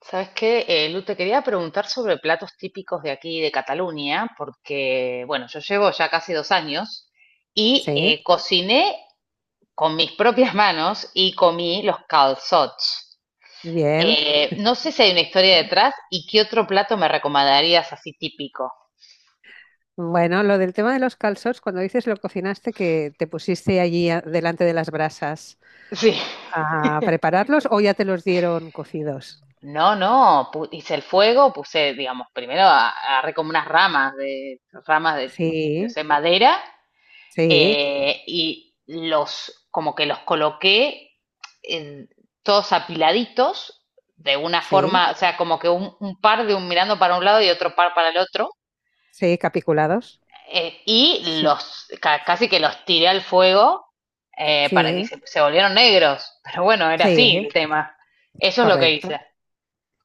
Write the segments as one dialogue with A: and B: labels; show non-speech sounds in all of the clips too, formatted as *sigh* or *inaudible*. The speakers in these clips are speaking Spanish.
A: Sabes qué, Lu, te quería preguntar sobre platos típicos de aquí, de Cataluña, porque, bueno, yo llevo ya casi 2 años y
B: Sí,
A: cociné con mis propias manos y comí los calçots.
B: bien.
A: No sé si hay una historia detrás y qué otro plato me recomendarías así típico.
B: Bueno, lo del tema de los calzots, cuando dices lo cocinaste, que te pusiste allí delante de las brasas
A: Sí.
B: a prepararlos o ya te los dieron cocidos.
A: No, no, hice el fuego, puse, digamos, primero agarré como unas ramas de, no
B: Sí,
A: sé, madera
B: sí,
A: y los, como que los coloqué en, todos apiladitos, de una
B: sí,
A: forma, o sea, como que un par de un mirando para un lado y otro par para el otro,
B: sí, capiculados.
A: y
B: Sí,
A: los ca casi que los tiré al fuego para que
B: sí,
A: se volvieron negros. Pero bueno, era así
B: sí,
A: el tema. Eso es lo que
B: correcto.
A: hice.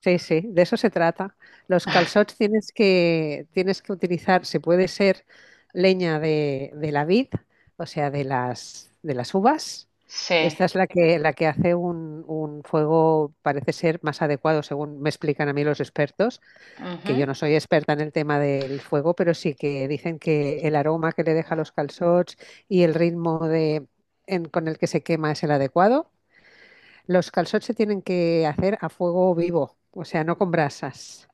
B: Sí, sí, de eso se trata. Los calçots tienes que utilizar, se puede ser leña de la vid, o sea, de las uvas.
A: Sí.
B: Esta es la que hace un fuego, parece ser más adecuado, según me explican a mí los expertos,
A: Uh
B: que yo
A: -huh.
B: no soy experta en el tema del fuego, pero sí que dicen que el aroma que le deja a los calçots y el ritmo de, con el que se quema es el adecuado. Los calzots se tienen que hacer a fuego vivo, o sea, no con brasas.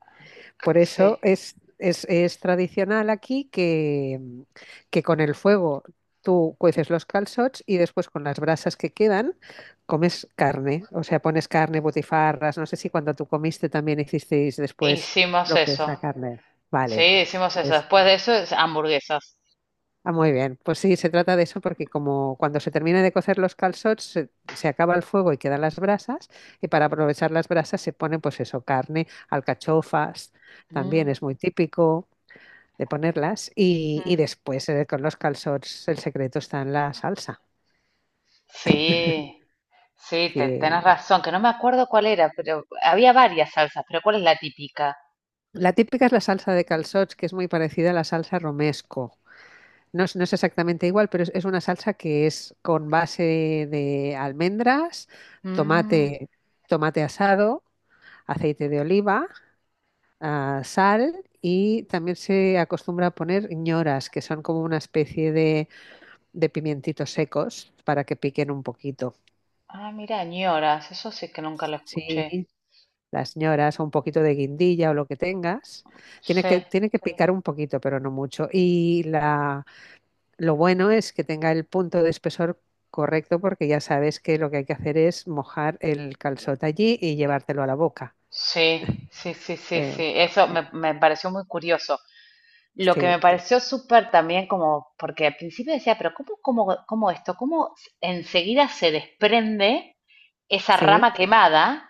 B: Por eso
A: Sí.
B: es tradicional aquí que, que con el fuego tú cueces los calzots y después con las brasas que quedan comes carne. O sea, pones carne, butifarras. No sé si cuando tú comiste también hicisteis después
A: Hicimos
B: lo que es
A: eso.
B: la carne.
A: Sí,
B: Vale,
A: hicimos eso.
B: pues.
A: Después de eso, es hamburguesas.
B: Ah, muy bien. Pues sí, se trata de eso porque como cuando se termina de cocer los calzots se acaba el fuego y quedan las brasas y para aprovechar las brasas se pone pues eso, carne, alcachofas, también
A: Mm.
B: es muy típico de ponerlas y
A: Mm.
B: después con los calzots el secreto está en la salsa,
A: Sí, sí,
B: que
A: tenés razón, que no me acuerdo cuál era, pero había varias salsas, pero ¿cuál es la típica?
B: la típica es la salsa de calzots que es muy parecida a la salsa romesco. No es exactamente igual, pero es una salsa que es con base de almendras,
A: Mm.
B: tomate, tomate asado, aceite de oliva, sal y también se acostumbra a poner ñoras, que son como una especie de pimientitos secos para que piquen un poquito.
A: Ah, mira, ñoras, eso sí que nunca lo escuché.
B: Sí, las ñoras o un poquito de guindilla o lo que tengas. Tiene que,
A: Sí,
B: tiene que picar un poquito, pero no mucho. Y la, lo bueno es que tenga el punto de espesor correcto porque ya sabes que lo que hay que hacer es mojar el calzot allí y llevártelo a la boca.
A: sí, sí, sí, sí,
B: Eh,
A: sí, eso
B: eh,
A: me pareció muy curioso. Lo que me
B: sí,
A: pareció súper también como, porque al principio decía, pero ¿cómo esto? ¿Cómo enseguida se desprende esa
B: sí,
A: rama quemada?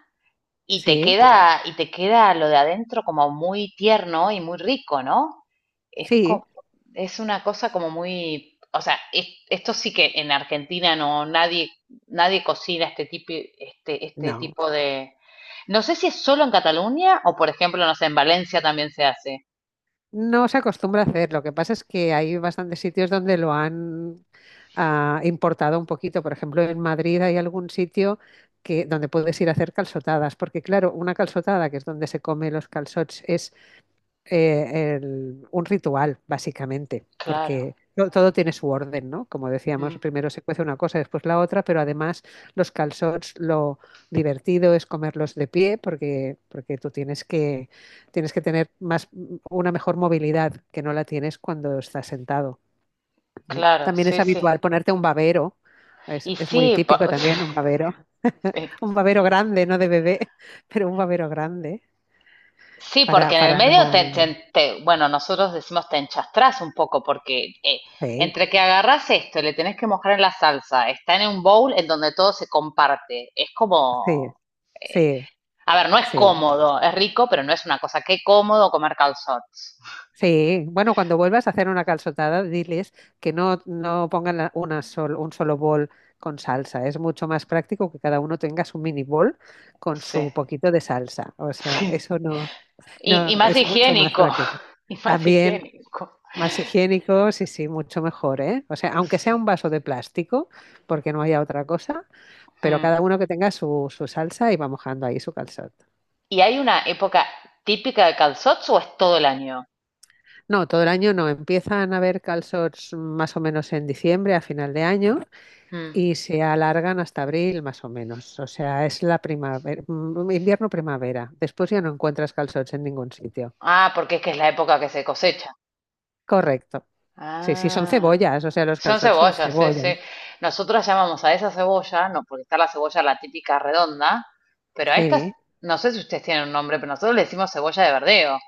A: Y te
B: sí,
A: queda, y te queda lo de adentro como muy tierno y muy rico, ¿no? Es,
B: sí.
A: co- es una cosa como muy, o sea, esto sí que en Argentina no, nadie cocina este tipo, este, este
B: No,
A: tipo de. No sé si es solo en Cataluña o, por ejemplo, no sé, en Valencia también se hace.
B: no se acostumbra a hacer. Lo que pasa es que hay bastantes sitios donde lo han importado un poquito. Por ejemplo, en Madrid hay algún sitio donde puedes ir a hacer calzotadas, porque claro, una calzotada, que es donde se come los calzots, es un ritual, básicamente,
A: Claro,
B: porque todo tiene su orden, ¿no? Como decíamos,
A: mm,
B: primero se cuece una cosa, después la otra, pero además los calzots, lo divertido es comerlos de pie, porque tú tienes que tener más, una mejor movilidad que no la tienes cuando estás sentado, ¿no?
A: claro,
B: También es
A: sí, sí.
B: habitual ponerte un babero.
A: Y
B: Es muy
A: sí,
B: típico también
A: *laughs*
B: un babero grande, no de bebé, *laughs* pero un babero grande
A: Sí, porque en el
B: para no...
A: medio bueno, nosotros decimos te enchastrás un poco, porque
B: sí.
A: entre que agarrás esto, y le tenés que mojar en la salsa, está en un bowl en donde todo se comparte. Es
B: Sí,
A: como,
B: sí,
A: a ver, no es
B: sí,
A: cómodo, es rico, pero no es una cosa. Qué cómodo comer calzots.
B: sí. Bueno, cuando vuelvas a hacer una calzotada, diles que no pongan un solo bol con salsa. Es mucho más práctico que cada uno tenga su mini bol con
A: Sí,
B: su poquito de salsa. O
A: *laughs*
B: sea,
A: sí.
B: eso no,
A: Y
B: no
A: más
B: es mucho más
A: higiénico,
B: práctico.
A: *laughs* y más
B: También
A: higiénico.
B: más higiénico, sí, sí, mucho mejor, ¿eh? O sea, aunque sea un
A: Sí.
B: vaso de plástico, porque no haya otra cosa, pero
A: Mm.
B: cada uno que tenga su, su salsa y va mojando ahí su calzón.
A: ¿Y hay una época típica de calzots o es todo el año?
B: No, todo el año no. Empiezan a haber calzots más o menos en diciembre, a final de año,
A: Mm.
B: y se alargan hasta abril más o menos. O sea, es la primavera, invierno-primavera. Después ya no encuentras calzots en ningún sitio.
A: Ah, porque es que es la época que se cosecha.
B: Correcto. Sí, sí, son
A: Ah,
B: cebollas, o sea, los
A: son
B: calzots son
A: cebollas, sí, sí.
B: cebollas.
A: Nosotros llamamos a esa cebolla, no, porque está la cebolla la típica redonda, pero a estas,
B: Sí.
A: no sé si ustedes tienen un nombre, pero nosotros le decimos cebolla de verdeo.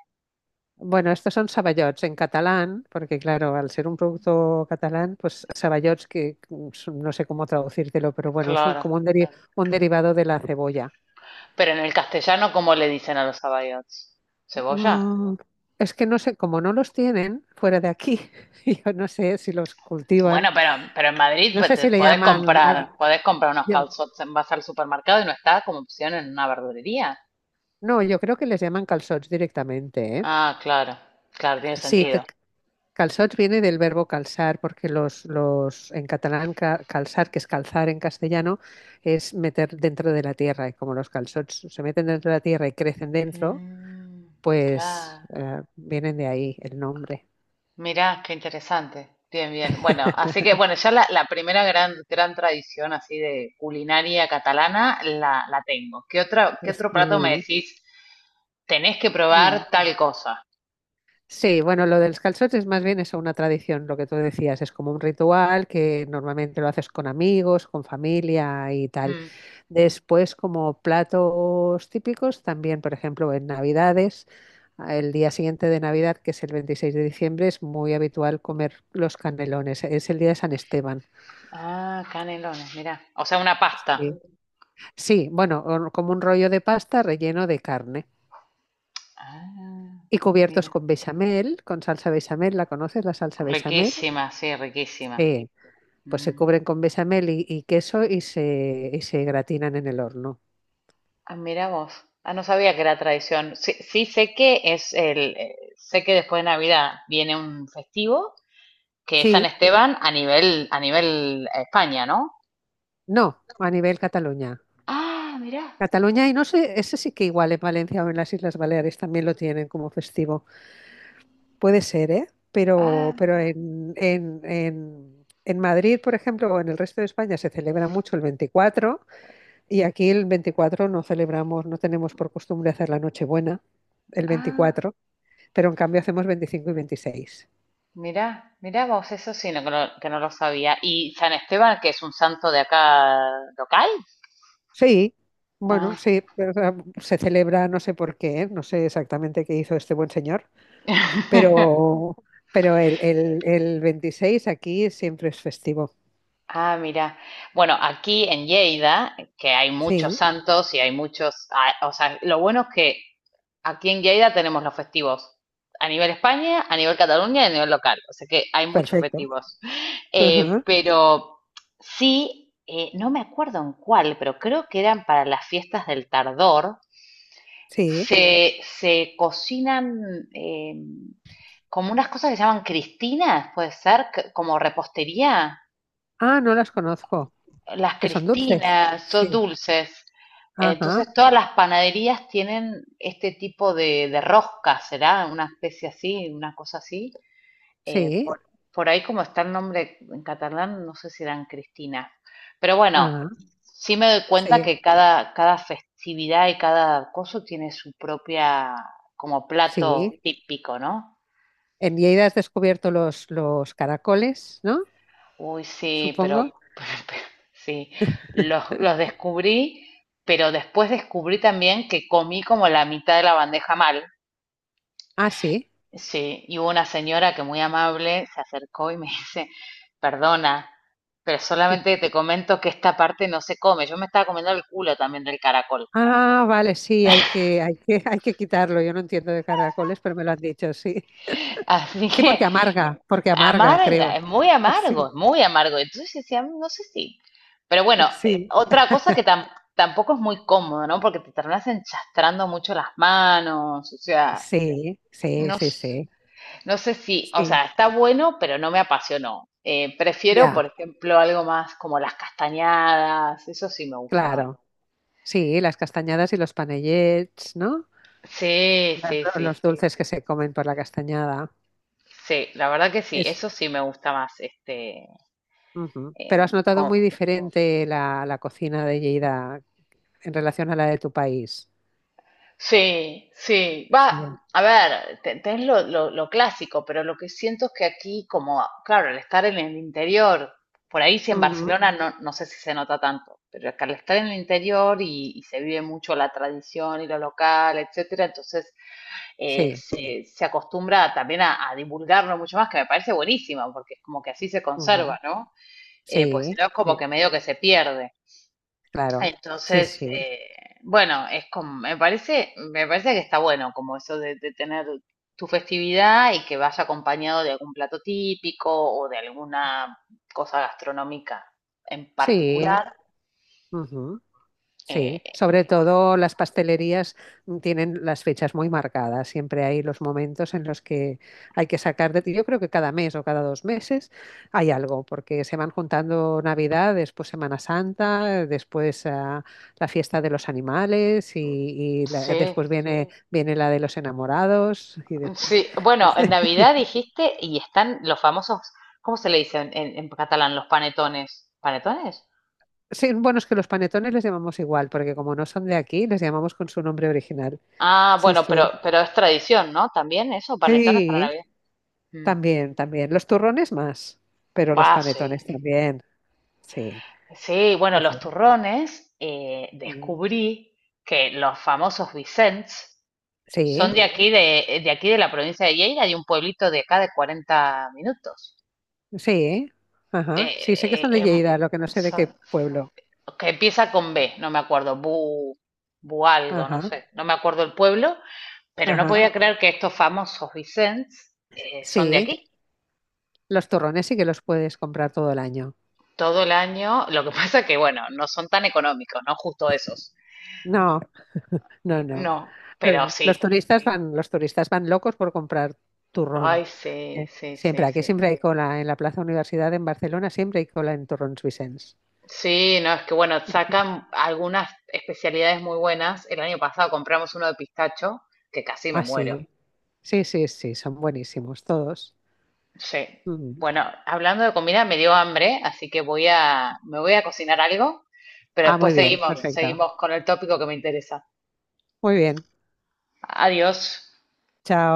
B: Bueno, estos son saballots en catalán, porque claro, al ser un producto catalán, pues saballots que son- no sé cómo traducírtelo, pero bueno, es
A: Claro.
B: un derivado de la cebolla.
A: Pero en el castellano, ¿cómo le dicen a los abayots? ¿Cebolla?
B: Mm, es que no sé, como no los tienen fuera de aquí, *laughs* yo no sé si los
A: Bueno,
B: cultivan,
A: pero, en Madrid
B: no
A: pues,
B: sé si le llaman,
A: podés comprar unos
B: yo-
A: calzots, vas al supermercado y no está como opción en una verdulería.
B: no, yo creo que les llaman calçots directamente, ¿eh?
A: Ah, claro, claro, tiene
B: Sí,
A: sentido.
B: calzots viene del verbo calzar, porque los en catalán calzar, que es calzar en castellano, es meter dentro de la tierra, y como los calçots se meten dentro de la tierra y crecen dentro,
A: Mm,
B: pues
A: claro.
B: vienen de ahí el nombre.
A: Mirá, qué interesante. Bien, bien. Bueno, así
B: *laughs*
A: que bueno, ya la primera gran, gran tradición así de culinaria catalana la tengo. ¿Qué otro plato me
B: Sí.
A: decís? Tenés que
B: Mm.
A: probar tal cosa.
B: Sí, bueno, lo de los calzots más bien eso, una tradición, lo que tú decías, es como un ritual que normalmente lo haces con amigos, con familia y tal.
A: Mm.
B: Después, como platos típicos, también, por ejemplo, en Navidades, el día siguiente de Navidad, que es el 26 de diciembre, es muy habitual comer los canelones, es el día de San Esteban.
A: Ah, canelones, mirá. O sea, una pasta.
B: Sí, sí, bueno, como un rollo de pasta relleno de carne
A: Ah,
B: y cubiertos
A: mira.
B: con bechamel, con salsa bechamel, ¿la conoces, la salsa bechamel?
A: Riquísima, sí, riquísima.
B: Sí, pues se
A: Mm.
B: cubren con bechamel y queso y y se gratinan en el horno.
A: Ah, mira vos. Ah, no sabía que era tradición. Sí, sí sé que sé que después de Navidad viene un festivo que es San
B: Sí,
A: Esteban a nivel España, ¿no?
B: no, a nivel Cataluña.
A: Ah, mirá,
B: Cataluña, y no sé, ese sí que igual en Valencia o en las Islas Baleares también lo tienen como festivo. Puede ser, ¿eh? Pero, pero
A: ah,
B: en, en, en, en Madrid, por ejemplo, o en el resto de España se celebra mucho el 24 y aquí el 24 no celebramos, no tenemos por costumbre hacer la Nochebuena el
A: ah,
B: 24, pero en cambio hacemos 25 y 26.
A: mirá, mirá vos, eso sí, no, que, no, que no lo sabía. ¿Y San Esteban, que es un santo de acá local?
B: Sí, bueno,
A: Ah,
B: sí, pero, o sea, se celebra, no sé por qué, ¿eh? No sé exactamente qué hizo este buen señor,
A: *laughs*
B: pero, pero el veintiséis aquí siempre es festivo.
A: ah, mirá. Bueno, aquí en Lleida, que hay muchos
B: Sí,
A: santos y hay muchos, ah, o sea, lo bueno es que aquí en Lleida tenemos los festivos a nivel España, a nivel Cataluña y a nivel local. O sea que hay muchos
B: perfecto.
A: festivos. Eh,
B: Ajá,
A: pero sí, no me acuerdo en cuál, pero creo que eran para las fiestas del Tardor.
B: sí.
A: Se cocinan como unas cosas que se llaman cristinas, puede ser, como repostería.
B: Ah, no las conozco,
A: Las
B: que son dulces.
A: Cristinas, son
B: Sí,
A: dulces. Entonces
B: ajá,
A: todas las panaderías tienen este tipo de rosca, será una especie así, una cosa así. Eh,
B: sí,
A: por, por ahí como está el nombre en catalán, no sé si eran cristinas. Pero bueno,
B: ah,
A: sí me doy cuenta
B: sí,
A: que cada festividad y cada coso tiene su propia como plato
B: sí.
A: típico, ¿no?
B: En Lleida has descubierto los caracoles, ¿no?
A: Uy, sí,
B: Supongo.
A: pero *laughs* sí, los descubrí, pero después descubrí también que comí como la mitad de la bandeja mal.
B: Ah, sí.
A: Sí, y hubo una señora que muy amable se acercó y me *laughs* dice, perdona, pero solamente te comento que esta parte no se come. Yo me estaba comiendo el culo también del caracol.
B: Ah, vale, sí, hay que, *laughs* hay que quitarlo. Yo no entiendo de caracoles, pero me lo han dicho, sí.
A: *laughs* Así
B: Sí,
A: que
B: porque amarga,
A: amarga,
B: creo.
A: es muy
B: *laughs*
A: amargo,
B: Sí,
A: es muy amargo. Entonces yo decía, "Mm, no sé si." Pero bueno,
B: sí,
A: otra cosa que tampoco es muy cómodo, ¿no? Porque te terminas enchastrando mucho las manos, o sea,
B: sí, sí,
A: no,
B: sí, sí.
A: no sé si, o
B: Sí,
A: sea, está bueno, pero no me apasionó. Prefiero,
B: ya,
A: por ejemplo, algo más como las castañadas, eso sí me gusta más.
B: claro. Sí, las castañadas y los panellets, ¿no?
A: Sí, sí, sí,
B: Los dulces que se comen por la castañada.
A: sí, la verdad que sí,
B: Es,
A: eso sí me gusta más,
B: ujú.
A: eh,
B: Pero has notado muy diferente la, la cocina de Lleida en relación a la de tu país.
A: Sí, sí. Va,
B: Sí.
A: a ver, tenés lo clásico, pero lo que siento es que aquí, como, claro, al estar en el interior, por ahí sí en
B: Ujú,
A: Barcelona no, no sé si se nota tanto, pero acá al estar en el interior y se vive mucho la tradición y lo local, etcétera, entonces
B: sí.
A: se acostumbra también a divulgarlo mucho más, que me parece buenísimo, porque es como que así se conserva,
B: Ujú,
A: ¿no? Pues si
B: sí.
A: no es
B: Sí.
A: como que medio que se pierde.
B: Claro, sí.
A: Entonces,
B: Sí,
A: bueno, es como, me parece que está bueno como eso de tener tu festividad y que vaya acompañado de algún plato típico o de alguna cosa gastronómica en
B: sí, sí,
A: particular.
B: ujú, sí.
A: Eh,
B: Sobre todo las pastelerías tienen las fechas muy marcadas. Siempre hay los momentos en los que hay que sacar de... Yo creo que cada mes o cada dos meses hay algo, porque se van juntando Navidad, después Semana Santa, después la fiesta de los animales y,
A: sí,
B: después viene, sí, viene la de los enamorados.
A: sí. Bueno, en
B: *laughs*
A: Navidad dijiste y están los famosos, ¿cómo se le dice en catalán? Los panetones. ¿Panetones?
B: Sí, bueno, es que los panetones les llamamos igual, porque como no son de aquí, les llamamos con su nombre original.
A: Ah,
B: Sí,
A: bueno, pero,
B: sí.
A: pero es tradición, ¿no? También eso, panetones para
B: Sí,
A: Navidad. Mm.
B: también, también. Los turrones más, pero los
A: Ah, sí.
B: panetones también. Sí,
A: Sí, bueno,
B: sí, sí.
A: los turrones,
B: Mm.
A: descubrí que los famosos Vicents son
B: Sí,
A: de aquí de aquí de la provincia de Lleida, de un pueblito de acá de 40 minutos.
B: sí.
A: Eh,
B: Ajá. Sí, sé que
A: eh,
B: son de
A: em,
B: Lleida, lo que no sé de
A: son-
B: qué pueblo.
A: que empieza con B, no me acuerdo, Bu, Bu algo, no
B: Ajá,
A: sé, no me acuerdo el pueblo, pero no
B: ajá.
A: podía creer que estos famosos Vicents son de
B: Sí,
A: aquí.
B: los turrones sí que los puedes comprar todo el año.
A: Todo el año, lo que *laughs* pasa que, bueno, no son tan económicos, no justo esos.
B: No, no, no.
A: No, pero
B: Pero
A: sí.
B: los turistas van locos por comprar turrón.
A: Ay, sí,
B: Eh,
A: sí,
B: Siempre,
A: sí,
B: aquí
A: sí.
B: siempre hay cola. En la Plaza Universidad en Barcelona siempre hay cola en turrons Vicens.
A: Sí, no, es que bueno, sacan algunas especialidades muy buenas. El año pasado compramos uno de pistacho, que casi me
B: Ah,
A: muero.
B: sí. Sí, sí, sí, son buenísimos todos.
A: Sí.
B: Mm.
A: Bueno, hablando de comida, me dio hambre, así que me voy a cocinar algo, pero
B: Ah, muy
A: después
B: bien,
A: seguimos. Buenísimo.
B: perfecto.
A: Seguimos con el tópico que me interesa.
B: Muy bien.
A: Adiós.
B: Chao.